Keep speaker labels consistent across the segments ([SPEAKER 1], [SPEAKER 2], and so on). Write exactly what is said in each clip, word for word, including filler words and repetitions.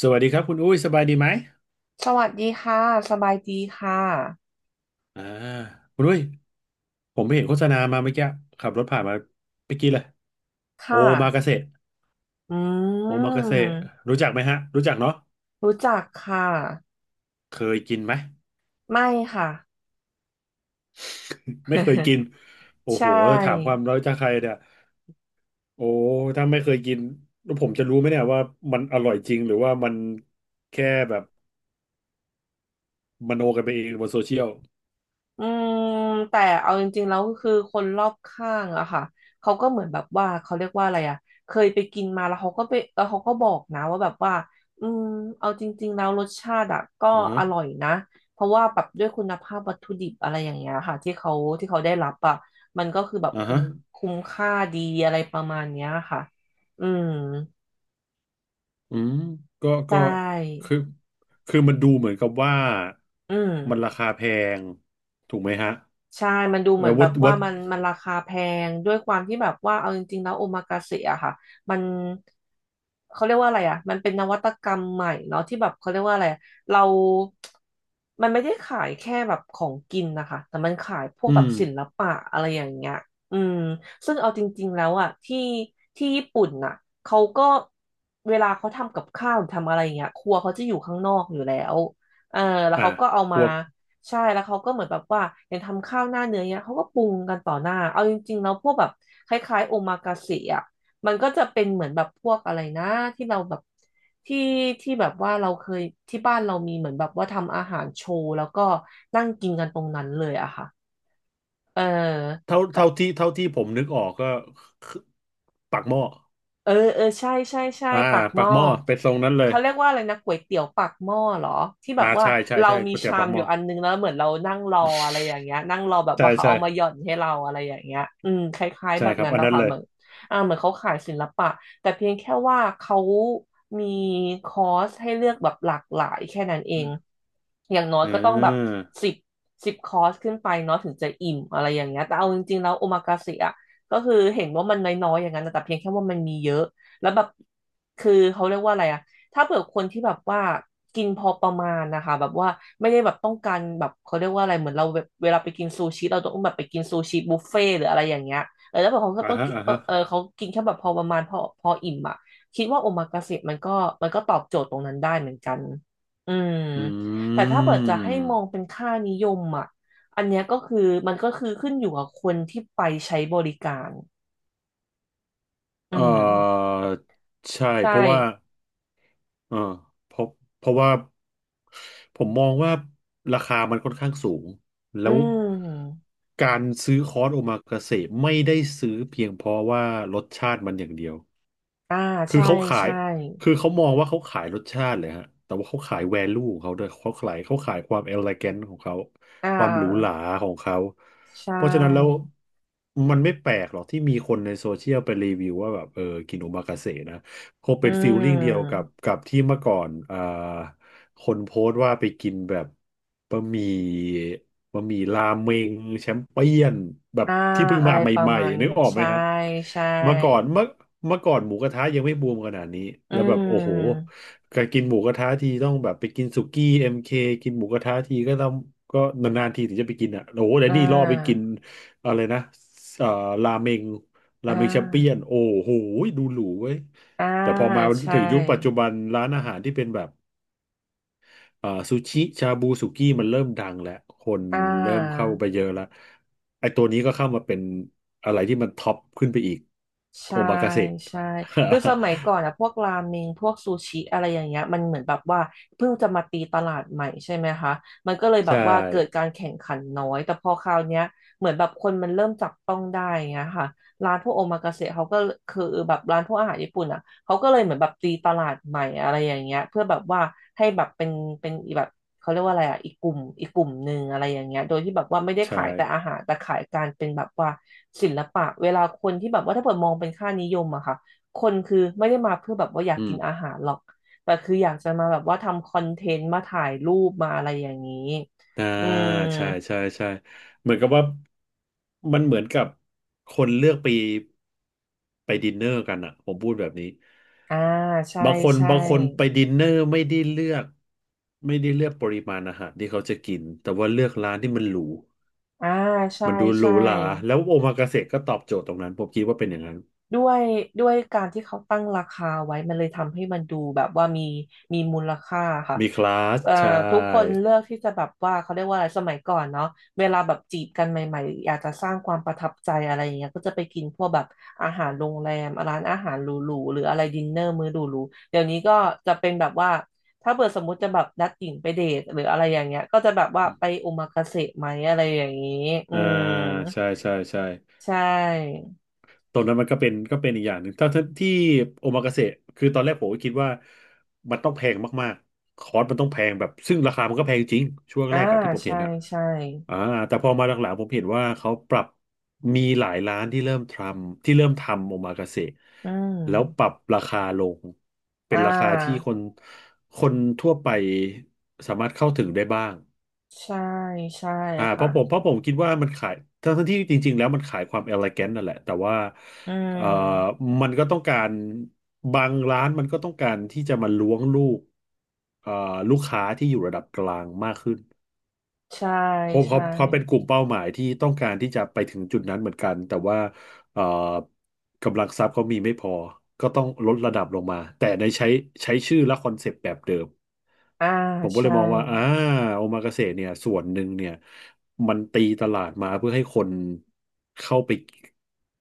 [SPEAKER 1] สวัสดีครับคุณอุ้ยสบายดีไหม
[SPEAKER 2] สวัสดีค่ะ สบายดีค่ะ
[SPEAKER 1] อ่าคุณอุ้ยผมไปเห็นโฆษณามาเมื่อกี้ขับรถผ่านมาเมื่อกี้เลยโอ
[SPEAKER 2] ค่ะ
[SPEAKER 1] มากาเสะ
[SPEAKER 2] อื
[SPEAKER 1] โอมากาเสะ
[SPEAKER 2] ม
[SPEAKER 1] รู้จักไหมฮะรู้จักเนาะ
[SPEAKER 2] รู้จักค่ะ
[SPEAKER 1] เคยกินไหม
[SPEAKER 2] ไม่ค่ะ
[SPEAKER 1] ไม่เคยกิ นโอ้
[SPEAKER 2] ใช
[SPEAKER 1] โหถามควา
[SPEAKER 2] ่
[SPEAKER 1] มรู้จักใครเนี่ยโอ้ถ้าไม่เคยกินแล้วผมจะรู้ไหมเนี่ยว่ามันอร่อยจริงหรือว่ามันแค่แบบมโนกันไปเองบนโซเชียล
[SPEAKER 2] อืมแต่เอาจริงๆแล้วคือคนรอบข้างอะค่ะเขาก็เหมือนแบบว่าเขาเรียกว่าอะไรอะเคยไปกินมาแล้วเขาก็ไปแล้วเขาก็บอกนะว่าแบบว่าอืมเอาจริงๆแล้วรสชาติอะก็
[SPEAKER 1] อ่าฮะ
[SPEAKER 2] อร่อยนะเพราะว่าแบบด้วยคุณภาพวัตถุดิบอะไรอย่างเงี้ยค่ะที่เขาที่เขาได้รับอะมันก็คือแบบ
[SPEAKER 1] อ่า
[SPEAKER 2] คุ้
[SPEAKER 1] ฮะ
[SPEAKER 2] มคุ้มค่าดีอะไรประมาณเนี้ยค่ะอืม
[SPEAKER 1] อืมก็
[SPEAKER 2] ใช
[SPEAKER 1] ก็
[SPEAKER 2] ่
[SPEAKER 1] คือคือมันดูเหมือนกับว่า
[SPEAKER 2] อืม
[SPEAKER 1] มันราคาแพงถูกไหมฮะ
[SPEAKER 2] ใช่มันดู
[SPEAKER 1] เอ
[SPEAKER 2] เหมือ
[SPEAKER 1] อ
[SPEAKER 2] นแบ
[SPEAKER 1] วัด
[SPEAKER 2] บว่า
[SPEAKER 1] วัด
[SPEAKER 2] มันมันราคาแพงด้วยความที่แบบว่าเอาจริงๆแล้วโอมากาเสะอะค่ะมันเขาเรียกว่าอะไรอะมันเป็นนวัตกรรมใหม่เนาะที่แบบเขาเรียกว่าอะไรอะเรามันไม่ได้ขายแค่แบบของกินนะคะแต่มันขายพวก
[SPEAKER 1] อื
[SPEAKER 2] แบบ
[SPEAKER 1] ม
[SPEAKER 2] ศิลปะอะไรอย่างเงี้ยอืมซึ่งเอาจริงๆแล้วอะที่ที่ญี่ปุ่นน่ะเขาก็เวลาเขาทำกับข้าวหรือทำอะไรอย่างเงี้ยครัวเขาจะอยู่ข้างนอกอยู่แล้วเออแล้ว
[SPEAKER 1] อ่า
[SPEAKER 2] เขาก็เอา
[SPEAKER 1] พ
[SPEAKER 2] มา
[SPEAKER 1] วก
[SPEAKER 2] ใช่แล้วเขาก็เหมือนแบบว่าอย่างทำข้าวหน้าเนื้อเนี้ยเขาก็ปรุงกันต่อหน้าเอาจริงๆแล้วพวกแบบคล้ายๆโอมากาเสะอ่ะมันก็จะเป็นเหมือนแบบพวกอะไรนะที่เราแบบที่ที่แบบว่าเราเคยที่บ้านเรามีเหมือนแบบว่าทำอาหารโชว์แล้วก็นั่งกินกันตรงนั้นเลยอะค่ะเออ
[SPEAKER 1] เท่าเท่าที่เท่าที่ผมนึกออกก็คือปักหม้อ
[SPEAKER 2] เออเออใช่ใช่ใช่
[SPEAKER 1] อ่า
[SPEAKER 2] ปากห
[SPEAKER 1] ปัก
[SPEAKER 2] ม้อ
[SPEAKER 1] หม้อเป็นทรงนั้นเลย
[SPEAKER 2] เขาเรียกว่าอะไรนะก๋วยเตี๋ยวปากหม้อเหรอที่แบ
[SPEAKER 1] อ่า
[SPEAKER 2] บว่า
[SPEAKER 1] ใช่ใช่
[SPEAKER 2] เรา
[SPEAKER 1] ใช่
[SPEAKER 2] มี
[SPEAKER 1] ก๋วยเตี๋ยว
[SPEAKER 2] ชา
[SPEAKER 1] ปั
[SPEAKER 2] ม
[SPEAKER 1] กห
[SPEAKER 2] อ
[SPEAKER 1] ม้
[SPEAKER 2] ยู่
[SPEAKER 1] อ
[SPEAKER 2] อันนึงแล้วเหมือนเรานั่งรออะไรอย่างเงี้ยนั่งรอแบบ
[SPEAKER 1] ใช่
[SPEAKER 2] ว่าเขา
[SPEAKER 1] ใช่
[SPEAKER 2] เอามาหย่อนให้เราอะไรอย่างเงี้ยอืมคล้ายๆ
[SPEAKER 1] ใช่
[SPEAKER 2] แบบ
[SPEAKER 1] ครับ
[SPEAKER 2] นั้น
[SPEAKER 1] อัน
[SPEAKER 2] นะ
[SPEAKER 1] นั้น
[SPEAKER 2] คะ
[SPEAKER 1] เล
[SPEAKER 2] เห
[SPEAKER 1] ย
[SPEAKER 2] มือนอ่าเหมือนเขาขายศิลปะแต่เพียงแค่ว่าเขามีคอร์สให้เลือกแบบหลากหลายแค่นั้นเองอย่างน้อย
[SPEAKER 1] อื
[SPEAKER 2] ก็ต้องแบบ
[SPEAKER 1] ม
[SPEAKER 2] สิบสิบคอร์สขึ้นไปเนาะถึงจะอิ่มอะไรอย่างเงี้ยแต่เอาจริงๆแล้วโอมากาเสะ ก็คือเห็นว่ามันน้อยๆอย่างนั้นนะแต่เพียงแค่ว่ามันมีเยอะแล้วแบบคือเขาเรียกว่าอะไรอะถ้าเผื่อคนที่แบบว่ากินพอประมาณนะคะแบบว่าไม่ได้แบบต้องการแบบเขาเรียกว่าอะไรเหมือนเราแบบเวลาไปกินซูชิเราต้องแบบไปกินซูชิบุฟเฟ่ต์หรืออะไรอย่างเงี้ยเออแล้วแบบเขาก็
[SPEAKER 1] อ่า
[SPEAKER 2] ต้อง
[SPEAKER 1] อ่า
[SPEAKER 2] กิน
[SPEAKER 1] ฮะอ่า
[SPEAKER 2] เออ
[SPEAKER 1] ฮะ
[SPEAKER 2] เออเขากินแค่แบบพอประมาณพอพออิ่มอะคิดว่าโอมากาเสะมันก็มันก็ตอบโจทย์ตรงนั้นได้เหมือนกันอืม
[SPEAKER 1] อื
[SPEAKER 2] แต่ถ้าเกิดจะให้มองเป็น
[SPEAKER 1] ม
[SPEAKER 2] ค่านิยมอ่ะ อันเนี้ยก็คือมันก็คือขึ้นอยู่กับคนที่ไปใช้บริการอื
[SPEAKER 1] เอ่
[SPEAKER 2] ม
[SPEAKER 1] อใช่
[SPEAKER 2] ใช
[SPEAKER 1] เพราะว่า
[SPEAKER 2] ่
[SPEAKER 1] เอ่เพราะเพราะว่าผมมองว่าราคามันค่อนข้างสูงแล้
[SPEAKER 2] อื
[SPEAKER 1] ว
[SPEAKER 2] ม
[SPEAKER 1] การซื้อคอร์สโอมากาเสะไม่ได้ซื้อเพียงเพราะว่ารสชาติมันอย่างเดียว
[SPEAKER 2] อ่า
[SPEAKER 1] คือ
[SPEAKER 2] ใช่
[SPEAKER 1] เขาขาย
[SPEAKER 2] ใช่
[SPEAKER 1] คือเขามองว่าเขาขายรสชาติเลยฮะแต่ว่าเขาขายแวลูของเขาด้วยเขาขายเขาขายความเอ e ล a ก t ของเขา
[SPEAKER 2] อ่
[SPEAKER 1] ความหรูหรา
[SPEAKER 2] า
[SPEAKER 1] ของเขา
[SPEAKER 2] ใช
[SPEAKER 1] เพราะฉะนั้นแล้ว
[SPEAKER 2] ่
[SPEAKER 1] มันไม่แปลกหรอกที่มีคนในโซเชียลไปรีวิวว่าแบบเออกินโอมากาเสะนะคง
[SPEAKER 2] อื
[SPEAKER 1] เป็นฟีลลิ่งเดียวกั
[SPEAKER 2] ม
[SPEAKER 1] บกับที่เมื่อก่อนอ่าคนโพสต์ว่าไปกินแบบบะหมี่ บะหมี่ราเมงแชมเปี้ยนแบบ
[SPEAKER 2] อ่า
[SPEAKER 1] ที่เพิ่ง
[SPEAKER 2] อะ
[SPEAKER 1] มา
[SPEAKER 2] ไร
[SPEAKER 1] ใ
[SPEAKER 2] ประ
[SPEAKER 1] หม่
[SPEAKER 2] มาณ
[SPEAKER 1] ๆนึกออกไหม
[SPEAKER 2] ใช่
[SPEAKER 1] ฮะ
[SPEAKER 2] ใช่
[SPEAKER 1] เมื่อก่อนเมื่อเมื่อก่อนหมูกระทะยังไม่บูมขนาดนี้
[SPEAKER 2] อื
[SPEAKER 1] แล้วแบบโอ้โห
[SPEAKER 2] ม
[SPEAKER 1] การกินหมูกระทะทีต้องแบบไปกินสุกี้เอ็มเคกินหมูกระทะทีก็ต้องก็นานๆทีถึงจะไปกินอ่ะโอ้โหแต่
[SPEAKER 2] อ่า
[SPEAKER 1] นี่ล่อไปกินอะไรนะเอ่อราเมงรา
[SPEAKER 2] อ่
[SPEAKER 1] เมงแชมเปี้ยน
[SPEAKER 2] า
[SPEAKER 1] โอ้โหดูหรูเว้ย
[SPEAKER 2] อ่า
[SPEAKER 1] แต่พอมา
[SPEAKER 2] ใช่
[SPEAKER 1] ถึงยุคปัจจุบันร้านอาหารที่เป็นแบบ เอ่อซูชิชาบูสุกี้มันเริ่มดังแล้วคน
[SPEAKER 2] อ่า
[SPEAKER 1] เริ่มเข้าไปเยอะแล้วไอ้ตัวนี้ก็เข้ามาเป็นอะไรที่มันท็อปขึ้นไปอีกโอ
[SPEAKER 2] ใช่
[SPEAKER 1] มากาเสะ
[SPEAKER 2] ใช่คือสมัยก่อ นอะพวกราเมงพวกซูชิอะไรอย่างเงี้ยมันเหมือนแบบว่าเพิ่งจะมาตีตลาดใหม่ใช่ไหมคะมันก็เลยแบ
[SPEAKER 1] ใช่
[SPEAKER 2] บว่าเกิดการแข่งขันน้อยแต่พอคราวเนี้ยเหมือนแบบคนมันเริ่มจับต้องได้อย่างเงี้ยค่ะร้านพวกโอมากาเสะเขาก็คือแบบร้านพวกอาหารญี่ปุ่นอะเขาก็เลยเหมือนแบบตีตลาดใหม่อะไรอย่างเงี้ยเพื่อแบบว่าให้แบบเป็นเป็นแบบ เขาเรียกว่าอะไรอ่ะอีกกลุ่มอีกกลุ่มหนึ่งอะไรอย่างเงี้ยโดยที่แบบว่าไม่ได้
[SPEAKER 1] ใช่
[SPEAKER 2] ขายแต่อาหารแต่ขายการเป็นแบบว่าศิลปะเวลาคนที่แบบว่าถ้าเปิดมองเป็นค่านิยมอะค่ะคนคือไม่ได้มาเพื่อแบบว่าอยาก
[SPEAKER 1] อื
[SPEAKER 2] กิ
[SPEAKER 1] ม
[SPEAKER 2] นอาหารหรอกแต่คืออยากจะมาแบบว่าทำคอนเทนต์มาถ่ายรูปมาอะไรอย่างนี้
[SPEAKER 1] อ่า
[SPEAKER 2] อืม
[SPEAKER 1] ใช่ใช่ใช่เหมือนกับว่ามันเหมือนกับคนเลือกไปไปดินเนอร์กันอะผมพูดแบบนี้
[SPEAKER 2] อ่าใช่
[SPEAKER 1] บางคน
[SPEAKER 2] ใช่
[SPEAKER 1] บางคนไปดินเนอร์ไม่ได้เลือกไม่ได้เลือกปริมาณอาหารที่เขาจะกินแต่ว่าเลือกร้านที่มันหรู
[SPEAKER 2] อ่าใช่
[SPEAKER 1] มันดูหรู
[SPEAKER 2] ใช่
[SPEAKER 1] หราแล้วโอมากาเสะก็ตอบโจทย์ตรงนั้นผมคิดว่าเป็นอย่างนั้น
[SPEAKER 2] ด้วยด้วยการที่เขาตั้งราคาไว้มันเลยทำให้มันดูแบบว่ามีมีมูลค่าค่ะ
[SPEAKER 1] มีคลาส
[SPEAKER 2] เอ่อ
[SPEAKER 1] ใช
[SPEAKER 2] ทุกคน
[SPEAKER 1] ่
[SPEAKER 2] เลือกที่จะแบบว่าเขาเรียกว่าอะไรสมัยก่อนเนาะเวลาแบบจีบกันใหม่ๆอยากจะสร้างความประทับใจอะไรอย่างเงี้ยก็จะไปกินพวกแบบอาหารโรงแรมร้านอาหารหรูๆหรืออะไรดินเนอร์มื้อหรูๆเดี๋ยวนี้ก็จะเป็นแบบว่าถ้าเกิดสมมติจะแบบนัดหญิงไปเดทหรืออะไรอย่างเงี้ยก็จะแบบว่าไปโอมากาเสะไหมอะไรอย่างงี้อื
[SPEAKER 1] อ่า
[SPEAKER 2] ม
[SPEAKER 1] ใช่ใช่ใช่
[SPEAKER 2] ใช่
[SPEAKER 1] ตรงนั้นมันก็เป็นก็เป็นอีกอย่างหนึ่งถ้าถ้าที่โอมากาเสะคือตอนแรกผมก็คิดว่ามันต้องแพงมากๆคอร์สมันต้องแพงแบบซึ่งราคามันก็แพงจริงช่วง
[SPEAKER 2] อ่า
[SPEAKER 1] แรกอะที่ผมเห็
[SPEAKER 2] ใช่
[SPEAKER 1] นอะ
[SPEAKER 2] ใช่
[SPEAKER 1] อ่าแต่พอมาหลังๆผมเห็นว่าเขาปรับมีหลายร้านที่เริ่มทำที่เริ่มทำโอมากาเสะ
[SPEAKER 2] อืม
[SPEAKER 1] แล้วปรับราคาลงเป็
[SPEAKER 2] อ่
[SPEAKER 1] นราคาที่
[SPEAKER 2] า
[SPEAKER 1] คนคนทั่วไปสามารถเข้าถึงได้บ้าง
[SPEAKER 2] ใช่ใช่
[SPEAKER 1] อ่าเพ
[SPEAKER 2] ค่ะ
[SPEAKER 1] ราะผมเพราะผมคิดว่ามันขายทั้งๆที่จริงๆแล้วมันขายความเอลิแกนนั่นแหละแต่ว่า
[SPEAKER 2] อื
[SPEAKER 1] เอ่อ
[SPEAKER 2] ม
[SPEAKER 1] มันก็ต้องการบางร้านมันก็ต้องการที่จะมาล้วงลูกเอ่อลูกค้าที่อยู่ระดับกลางมากขึ้น
[SPEAKER 2] ใช่
[SPEAKER 1] เพราะเขา
[SPEAKER 2] ใช่
[SPEAKER 1] เขาเป็นกลุ่มเป้าหมายที่ต้องการที่จะไปถึงจุดนั้นเหมือนกันแต่ว่าเอ่อกำลังทรัพย์เขามีไม่พอก็ต้องลดระดับลงมาแต่ในใช้ใช้ชื่อและคอนเซปต์แบบเดิม
[SPEAKER 2] อ่า
[SPEAKER 1] ผมก็เล
[SPEAKER 2] ใช่
[SPEAKER 1] ยมองว่าอ่าโอมากาเสะเนี่ยส่วนหนึ่งเนี่ยมันตีตลาดมาเพื่อให้คนเข้าไป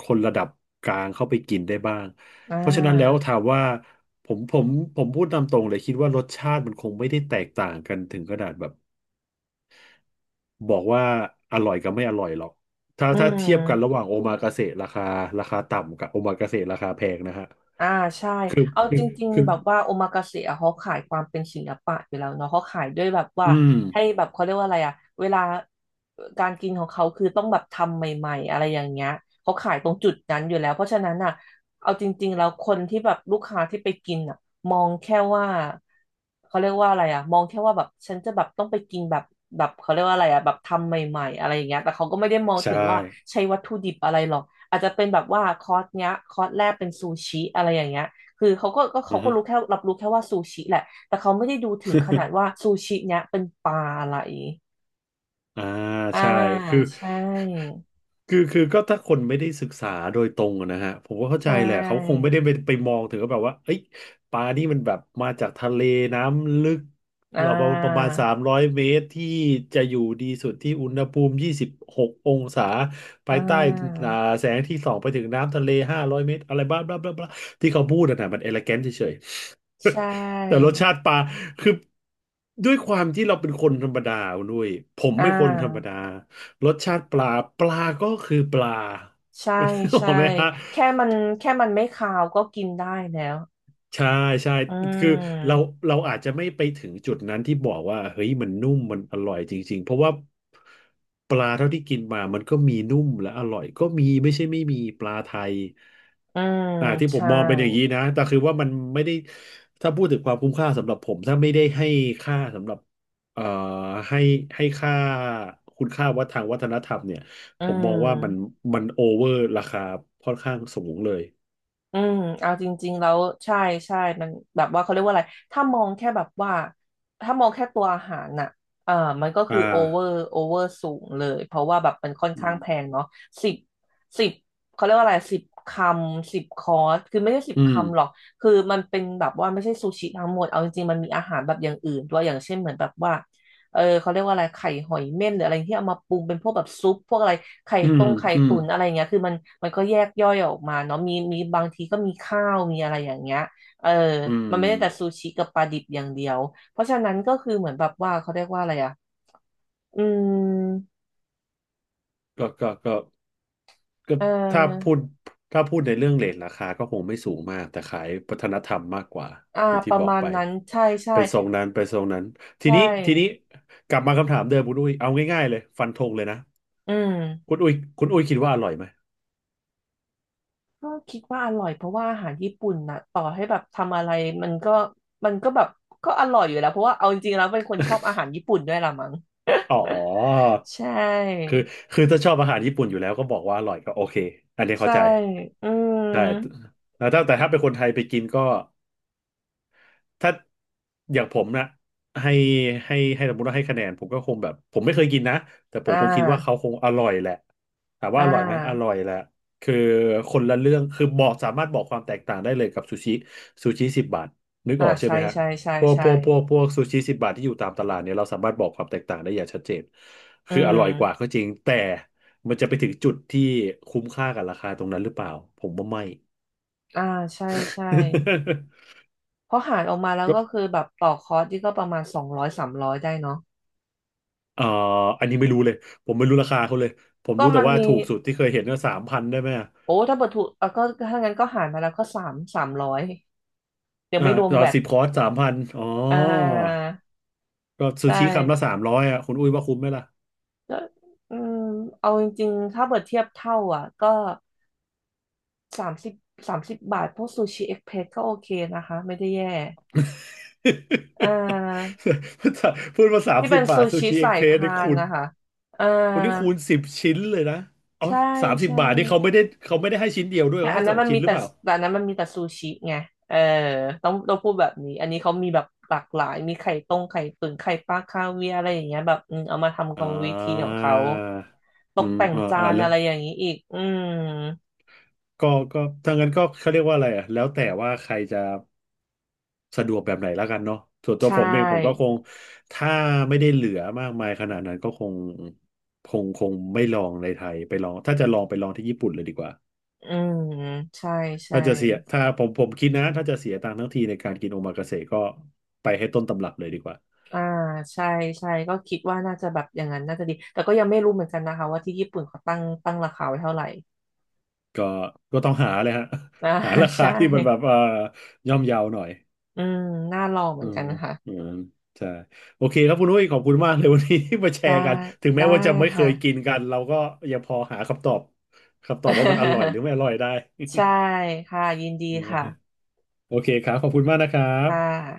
[SPEAKER 1] คนระดับกลางเข้าไปกินได้บ้าง
[SPEAKER 2] อ่
[SPEAKER 1] เพราะฉะนั้นแล้ว
[SPEAKER 2] า
[SPEAKER 1] ถามว่าผมผมผมพูดตามตรงเลยคิดว่ารสชาติมันคงไม่ได้แตกต่างกันถึงขนาดแบบ บอกว่าอร่อยกับไม่อร่อยหรอก ถ้า
[SPEAKER 2] อื
[SPEAKER 1] ถ้าเทียบกันระ
[SPEAKER 2] ม
[SPEAKER 1] หว่างโอมากาเสะราคาราคาต่ำกับโอมากาเสะราคาแพงนะฮะ
[SPEAKER 2] อ่าใช่
[SPEAKER 1] คือ
[SPEAKER 2] เอา
[SPEAKER 1] คื
[SPEAKER 2] จ
[SPEAKER 1] อ
[SPEAKER 2] ริง
[SPEAKER 1] คื
[SPEAKER 2] ๆ
[SPEAKER 1] อ
[SPEAKER 2] แบบว่าโอมากาเสะอะเขาขายความเป็นศิลปะอยู่แล้วเนาะเขาขายด้วยแบบว่า
[SPEAKER 1] อืม
[SPEAKER 2] ให้แบบเขาเรียกว่าอะไรอะเวลาการกินของเขาคือต้องแบบทำใหม่ๆอะไรอย่างเงี้ยเขาขายตรงจุดนั้นอยู่แล้วเพราะฉะนั้นอะเอาจริงๆแล้วคนที่แบบลูกค้าที่ไปกินอะมองแค่ว่าเขาเรียกว่าอะไรอะมองแค่ว่าแบบฉันจะแบบต้องไปกินแบบแบบเขาเรียกว่าอะไรอะแบบทำใหม่ๆอะไรอย่างเงี้ยแต่เขาก็ไม่ได้มอง
[SPEAKER 1] ใช่
[SPEAKER 2] ถึงว่าใช้วัตถุดิบอะไรหรอก อาจจะเป็นแบบว่าคอร์สเนี้ยคอร์สแรกเป็นซูชิอะไรอย่างเงี้ยคือเขาก็ก็
[SPEAKER 1] อื
[SPEAKER 2] เขา
[SPEAKER 1] อ
[SPEAKER 2] ก็
[SPEAKER 1] ฮะ
[SPEAKER 2] รู้แค่รับรู้แค่ว่าซูชิแหละ แต่เขาไม่ได้ดูถึงขนาด ว่าซูชิเนี้ยเป็นปลาอะไร
[SPEAKER 1] อ่า
[SPEAKER 2] อ่า
[SPEAKER 1] ใช่คือ
[SPEAKER 2] ใช่
[SPEAKER 1] คือคือก็ถ้าคนไม่ได้ศึกษาโดยตรงอะนะฮะผมก็เข้า
[SPEAKER 2] ใช
[SPEAKER 1] ใจแหละเขาคง
[SPEAKER 2] ่
[SPEAKER 1] ไม่ได้ไปไปมองถึงว่าแบบว่าเอ้ยปลานี่มันแบบมาจากทะเลน้ำลึก
[SPEAKER 2] อ่
[SPEAKER 1] เราประมาณ
[SPEAKER 2] า
[SPEAKER 1] สามร้อยเมตรที่จะอยู่ดีสุดที่อุณหภูมิยี่สิบหกองศา
[SPEAKER 2] อ่
[SPEAKER 1] ภายใต้
[SPEAKER 2] า
[SPEAKER 1] อ่าแสงที่ส่องไปถึงน้ำทะเลห้าร้อยเมตรอะไรบ้าบลาบลาบลาที่เขาพูดอะนะมันเอเลแกนเฉย
[SPEAKER 2] ใช่
[SPEAKER 1] ๆ แต่รสชาติปลาคือด้วยความที่เราเป็นคนธรรมดาคุณด้วยผม
[SPEAKER 2] อ่
[SPEAKER 1] เป็นคนธรรม
[SPEAKER 2] า
[SPEAKER 1] ดารสชาติปลาปลาก็คือปลา
[SPEAKER 2] ใช่
[SPEAKER 1] นึกออ
[SPEAKER 2] ใช่
[SPEAKER 1] กไหมฮะ
[SPEAKER 2] แค่มันแค่มันไม่คาวก็กินได้แล้ว
[SPEAKER 1] ใช่ใช่
[SPEAKER 2] อื
[SPEAKER 1] คือเรา
[SPEAKER 2] ม
[SPEAKER 1] เราอาจจะไม่ไปถึงจุดนั้นที่บอกว่าเฮ้ยมันนุ่มมันอร่อยจริงๆเพราะว่าปลาเท่าที่กินมามันก็มีนุ่มและอร่อยก็มีไม่ใช่ไม่มีปลาไทย
[SPEAKER 2] อืม
[SPEAKER 1] อ่าที่ผม
[SPEAKER 2] ใช่
[SPEAKER 1] มองเป็นอย่างนี้นะแต่คือว่ามันไม่ได้ถ้าพูดถึงความคุ้มค่าสำหรับผมถ้าไม่ได้ให้ค่าสำหรับเอ่อให้ให้ค่าคุณค่าว่ทางวัฒนธรรมเนี่ย
[SPEAKER 2] อื
[SPEAKER 1] ผมมองว่ามัน
[SPEAKER 2] ม
[SPEAKER 1] มันโอเวอร์ราคาค่อนข้างสูงเลย
[SPEAKER 2] อืมเอาจริงๆแล้วใช่ใช่มันแบบว่าเขาเรียกว่าอะไรถ้ามองแค่แบบว่าถ้ามองแค่ตัวอาหารน่ะเอ่อมันก็คือ
[SPEAKER 1] อ่า
[SPEAKER 2] โอเวอร์โอเวอร์สูงเลยเพราะว่าแบบมันค่อน
[SPEAKER 1] อื
[SPEAKER 2] ข้าง
[SPEAKER 1] ม
[SPEAKER 2] แพงเนาะสิบสิบเขาเรียกว่าอะไรสิบคำสิบคอร์สคือไม่ใช่สิบ
[SPEAKER 1] อืม
[SPEAKER 2] คำหรอกคือมันเป็นแบบว่าไม่ใช่ซูชิทั้งหมดเอาจริงๆมันมีอาหารแบบอย่างอื่นด้วยอย่างเช่นเหมือนแบบว่า เออเขาเรียกว่าอะไรไข่หอยเม่นหรืออะไรที่เอามาปรุงเป็นพวกแบบซุปพวกอะไรไข่
[SPEAKER 1] อืม
[SPEAKER 2] ต้มไข่
[SPEAKER 1] อืม
[SPEAKER 2] ตุ๋นอะไรอย่างเงี้ยคือมันมันก็แยกย่อยออกมาเนาะมีมีบางทีก็มีข้าวมีอะไรอย่างเงี้ยเออ
[SPEAKER 1] อื
[SPEAKER 2] มั
[SPEAKER 1] ม
[SPEAKER 2] นไม่ได้แต่ซูชิกับปลาดิบอย่างเดียวเพราะฉะนั้นก็คือเหมือนแบบว่าเขาเรียกว่าอะไรอ่ะอืม
[SPEAKER 1] ก็ก็ก็ก็
[SPEAKER 2] เ
[SPEAKER 1] ถ้าพู
[SPEAKER 2] ออ
[SPEAKER 1] ดถ้าพูดในเรื่องเรทราคาก็คงไม่สูงมาก แต่ขายวัฒนธรรมมากกว่า
[SPEAKER 2] อ่า
[SPEAKER 1] อย่าง
[SPEAKER 2] ป
[SPEAKER 1] ที่
[SPEAKER 2] ระ
[SPEAKER 1] บอก
[SPEAKER 2] มาณ
[SPEAKER 1] ไป
[SPEAKER 2] นั้นใช่ใช่
[SPEAKER 1] ไปทรงนั้นไปทรงนั้น
[SPEAKER 2] ใช
[SPEAKER 1] ทีนี้ทีนี้
[SPEAKER 2] ่
[SPEAKER 1] กลับมาคำถามเดิมคุณอุ้ยเอาง่ายๆเลยฟันธงเลยนะ
[SPEAKER 2] อืม
[SPEAKER 1] คุณอุ้ยคุณอุ้ยคิดว่าอร่อยไหม
[SPEAKER 2] ก็คิดว่าอร่อยเพราะว่าอาหารญี่ปุ่นนะต่อให้แบบทำอะไรมันก็มันก็แบบก็อร่อยอยู่แล้วเพราะว่าเอาจริงๆแล้วเป็นคนชอบอาหารญี่ปุ่นด้วยละมั้ง
[SPEAKER 1] อ๋อ
[SPEAKER 2] ใช
[SPEAKER 1] คื
[SPEAKER 2] ่
[SPEAKER 1] อคือถ้าชอบอาหารญี่ปุ่นอยู่แล้วก็บอกว่าอร่อยก็โอเคอันนี้เข้า
[SPEAKER 2] ใช่
[SPEAKER 1] ใจ
[SPEAKER 2] อืม
[SPEAKER 1] ใช่แต่ถ้าแต่ถ้าเป็นคนไทยไปกินก็ ถ้าอย่างผมนะให้ให้ให้สมมติว่าให้คะแนนผมก็คงแบบผมไม่เคยกินนะแต่ผ
[SPEAKER 2] อ่
[SPEAKER 1] มคงคิดว่าเขา
[SPEAKER 2] า
[SPEAKER 1] คงอร่อยแหละถาม
[SPEAKER 2] อ่
[SPEAKER 1] ว่าอร่อยไหมอร่
[SPEAKER 2] า
[SPEAKER 1] อยแหละคือคนละเรื่องคือบอกสามารถบอกความแตกต่างได้เลยกับซูชิซูชิสิบบาทนึก
[SPEAKER 2] อ่า
[SPEAKER 1] ออกใช่
[SPEAKER 2] ใช่
[SPEAKER 1] ไหมฮะ
[SPEAKER 2] ใช่ใช่
[SPEAKER 1] พวก
[SPEAKER 2] ใช่
[SPEAKER 1] พวกพวกพวกซูชิสิบบาทที่อยู่ตามตลาดเนี่ยเราสามารถบอกความแตกต่างได้อย่างชัดเจน
[SPEAKER 2] อื
[SPEAKER 1] คืออร่อยกว่า
[SPEAKER 2] ม
[SPEAKER 1] ก็จริงแต่มันจะไปถึงจุดที่คุ้มค่ากับราคาตรงนั้นหรือเปล่าผมว่าไม่
[SPEAKER 2] อ่า ใช่ใช่เพราะหารออกมาแล้วก็ คือแบบต่อคอร์สที่ก็ประมาณสองร้อยสามร้อยได้เนาะ
[SPEAKER 1] เอ่ออันนี้ไม่รู้เลยผมไม่รู้ราคาเขาเลยผม
[SPEAKER 2] ก็
[SPEAKER 1] รู้แต่
[SPEAKER 2] มัน
[SPEAKER 1] ว่า
[SPEAKER 2] มี
[SPEAKER 1] ถูกสุดที่เคยเห็นก็สามพันได้ไหมอะ
[SPEAKER 2] โอ้ถ้าเปิดถูกเอ่ะก็ถ้างั้นก็หารมาแล้วก็สามสามร้อยเดี๋ยว
[SPEAKER 1] อ่า
[SPEAKER 2] ไม่รวม
[SPEAKER 1] ต่อ
[SPEAKER 2] แบต
[SPEAKER 1] สิบคอร์สสามพันอ๋อ
[SPEAKER 2] อ่า
[SPEAKER 1] ก็ซู
[SPEAKER 2] ใช่
[SPEAKER 1] ชิคำละสามร้อยอ่ะคุณอุ้ยว่าคุ้มไหมล่ะ
[SPEAKER 2] ก็อืมเอาจริงๆ ถ้าเปิดเทียบเท่าอ่ะก็สามสิบสามสิบบาทพวกซูชิเอ็กเพรสก็โอเคนะคะไม่ได้แย่ เอ่อ
[SPEAKER 1] พูดมาสาม
[SPEAKER 2] ที่
[SPEAKER 1] สิ
[SPEAKER 2] เป็
[SPEAKER 1] บ
[SPEAKER 2] นซู
[SPEAKER 1] บาทซู
[SPEAKER 2] ชิ
[SPEAKER 1] ชิเอ็
[SPEAKER 2] สา
[SPEAKER 1] ก
[SPEAKER 2] ย
[SPEAKER 1] เพรส
[SPEAKER 2] พา
[SPEAKER 1] นี่
[SPEAKER 2] น
[SPEAKER 1] คูณ
[SPEAKER 2] นะคะเอ่อ
[SPEAKER 1] วันนี้คูณสิบชิ้นเลยนะอ๋อ
[SPEAKER 2] ใช่
[SPEAKER 1] สามสิบ
[SPEAKER 2] ใช่
[SPEAKER 1] บาทนี่เขาไม่ได้เขาไม่ได้ให้ชิ้นเดียวด้วย
[SPEAKER 2] แต่
[SPEAKER 1] เขา
[SPEAKER 2] อั
[SPEAKER 1] ให้
[SPEAKER 2] นนั้
[SPEAKER 1] ส
[SPEAKER 2] น
[SPEAKER 1] อง
[SPEAKER 2] มัน
[SPEAKER 1] ชิ้
[SPEAKER 2] มี
[SPEAKER 1] นหรือ
[SPEAKER 2] แต่
[SPEAKER 1] เปล่า
[SPEAKER 2] แต่อันนั้นมันมีแต่ซูชิไงเออต้องต้องพูดแบบนี้อันนี้เขามีแบบหลากหลายมีไข่ต้มไข่ตุ๋นไข่ปลาคาเวียร์อะไรอย่างเงี้ยแบบอืมเอามาทำกรรมวิ
[SPEAKER 1] อ่า
[SPEAKER 2] ธีของเขาต
[SPEAKER 1] อื
[SPEAKER 2] ก
[SPEAKER 1] ม
[SPEAKER 2] แต่ง
[SPEAKER 1] ออ
[SPEAKER 2] จา
[SPEAKER 1] เออ
[SPEAKER 2] น
[SPEAKER 1] แล้ว
[SPEAKER 2] อะไรอย่างนี้อีกอืม
[SPEAKER 1] ก็ก็ถ้างั้นก็เขาเรียกว่าอะไรอ่ะแล้วแต่ว่าใครจะ สะดวกแบบไหนแล้วกันเนาะส่วนตัว
[SPEAKER 2] ใช่
[SPEAKER 1] ผมเองผมก็คงถ้าไม่ได้เหลือมากมายขนาดนั้นก็คงคงคงไม่ลองในไทยไปลองถ้าจะลองไปลองที่ญี่ปุ่นเลยดีกว่า
[SPEAKER 2] อืมใช่ใช่
[SPEAKER 1] ถ้าจะเสียถ้าผมผมคิดนะถ้าจะเสียตังค์ทั้งทีในการกินโอมากาเสะก็ไปให้ต้นตำรับเลยดีกว่า
[SPEAKER 2] อ่าใช่ใช่ก็คิดว่าน่าจะแบบอย่างนั้นน่าจะดีแต่ก็ยังไม่รู้เหมือนกันนะคะว่าที่ญี่ปุ่นเขาตั้งตั้งราคาไว้เท่าไหร่
[SPEAKER 1] ก็ก็ต้องหาเลยฮะ
[SPEAKER 2] อ่า
[SPEAKER 1] หารา คา
[SPEAKER 2] ใช่
[SPEAKER 1] ที่มันแบบเอ่อย่อมเยาหน่อย
[SPEAKER 2] อืมน่าลองเหมื
[SPEAKER 1] อ๋อ
[SPEAKER 2] อนกันค่ะ
[SPEAKER 1] อืมใช่โอเคครับคุณอุ้ยขอบคุณมากเลยวันนี้ ที่มาแช
[SPEAKER 2] ได้
[SPEAKER 1] ร์กัน ถึงแม้
[SPEAKER 2] ได้
[SPEAKER 1] ว่าจะไม่เค
[SPEAKER 2] ค่ะ
[SPEAKER 1] ยกินกัน เราก็ยังพอหาคำตอบคำตอบว่ามันอร่อยหรือ ไม่อร่อยได้
[SPEAKER 2] ใช่ค่ะยินดีค่ะ
[SPEAKER 1] โอเคครับ ขอบคุณมากนะครับ
[SPEAKER 2] ค่ะ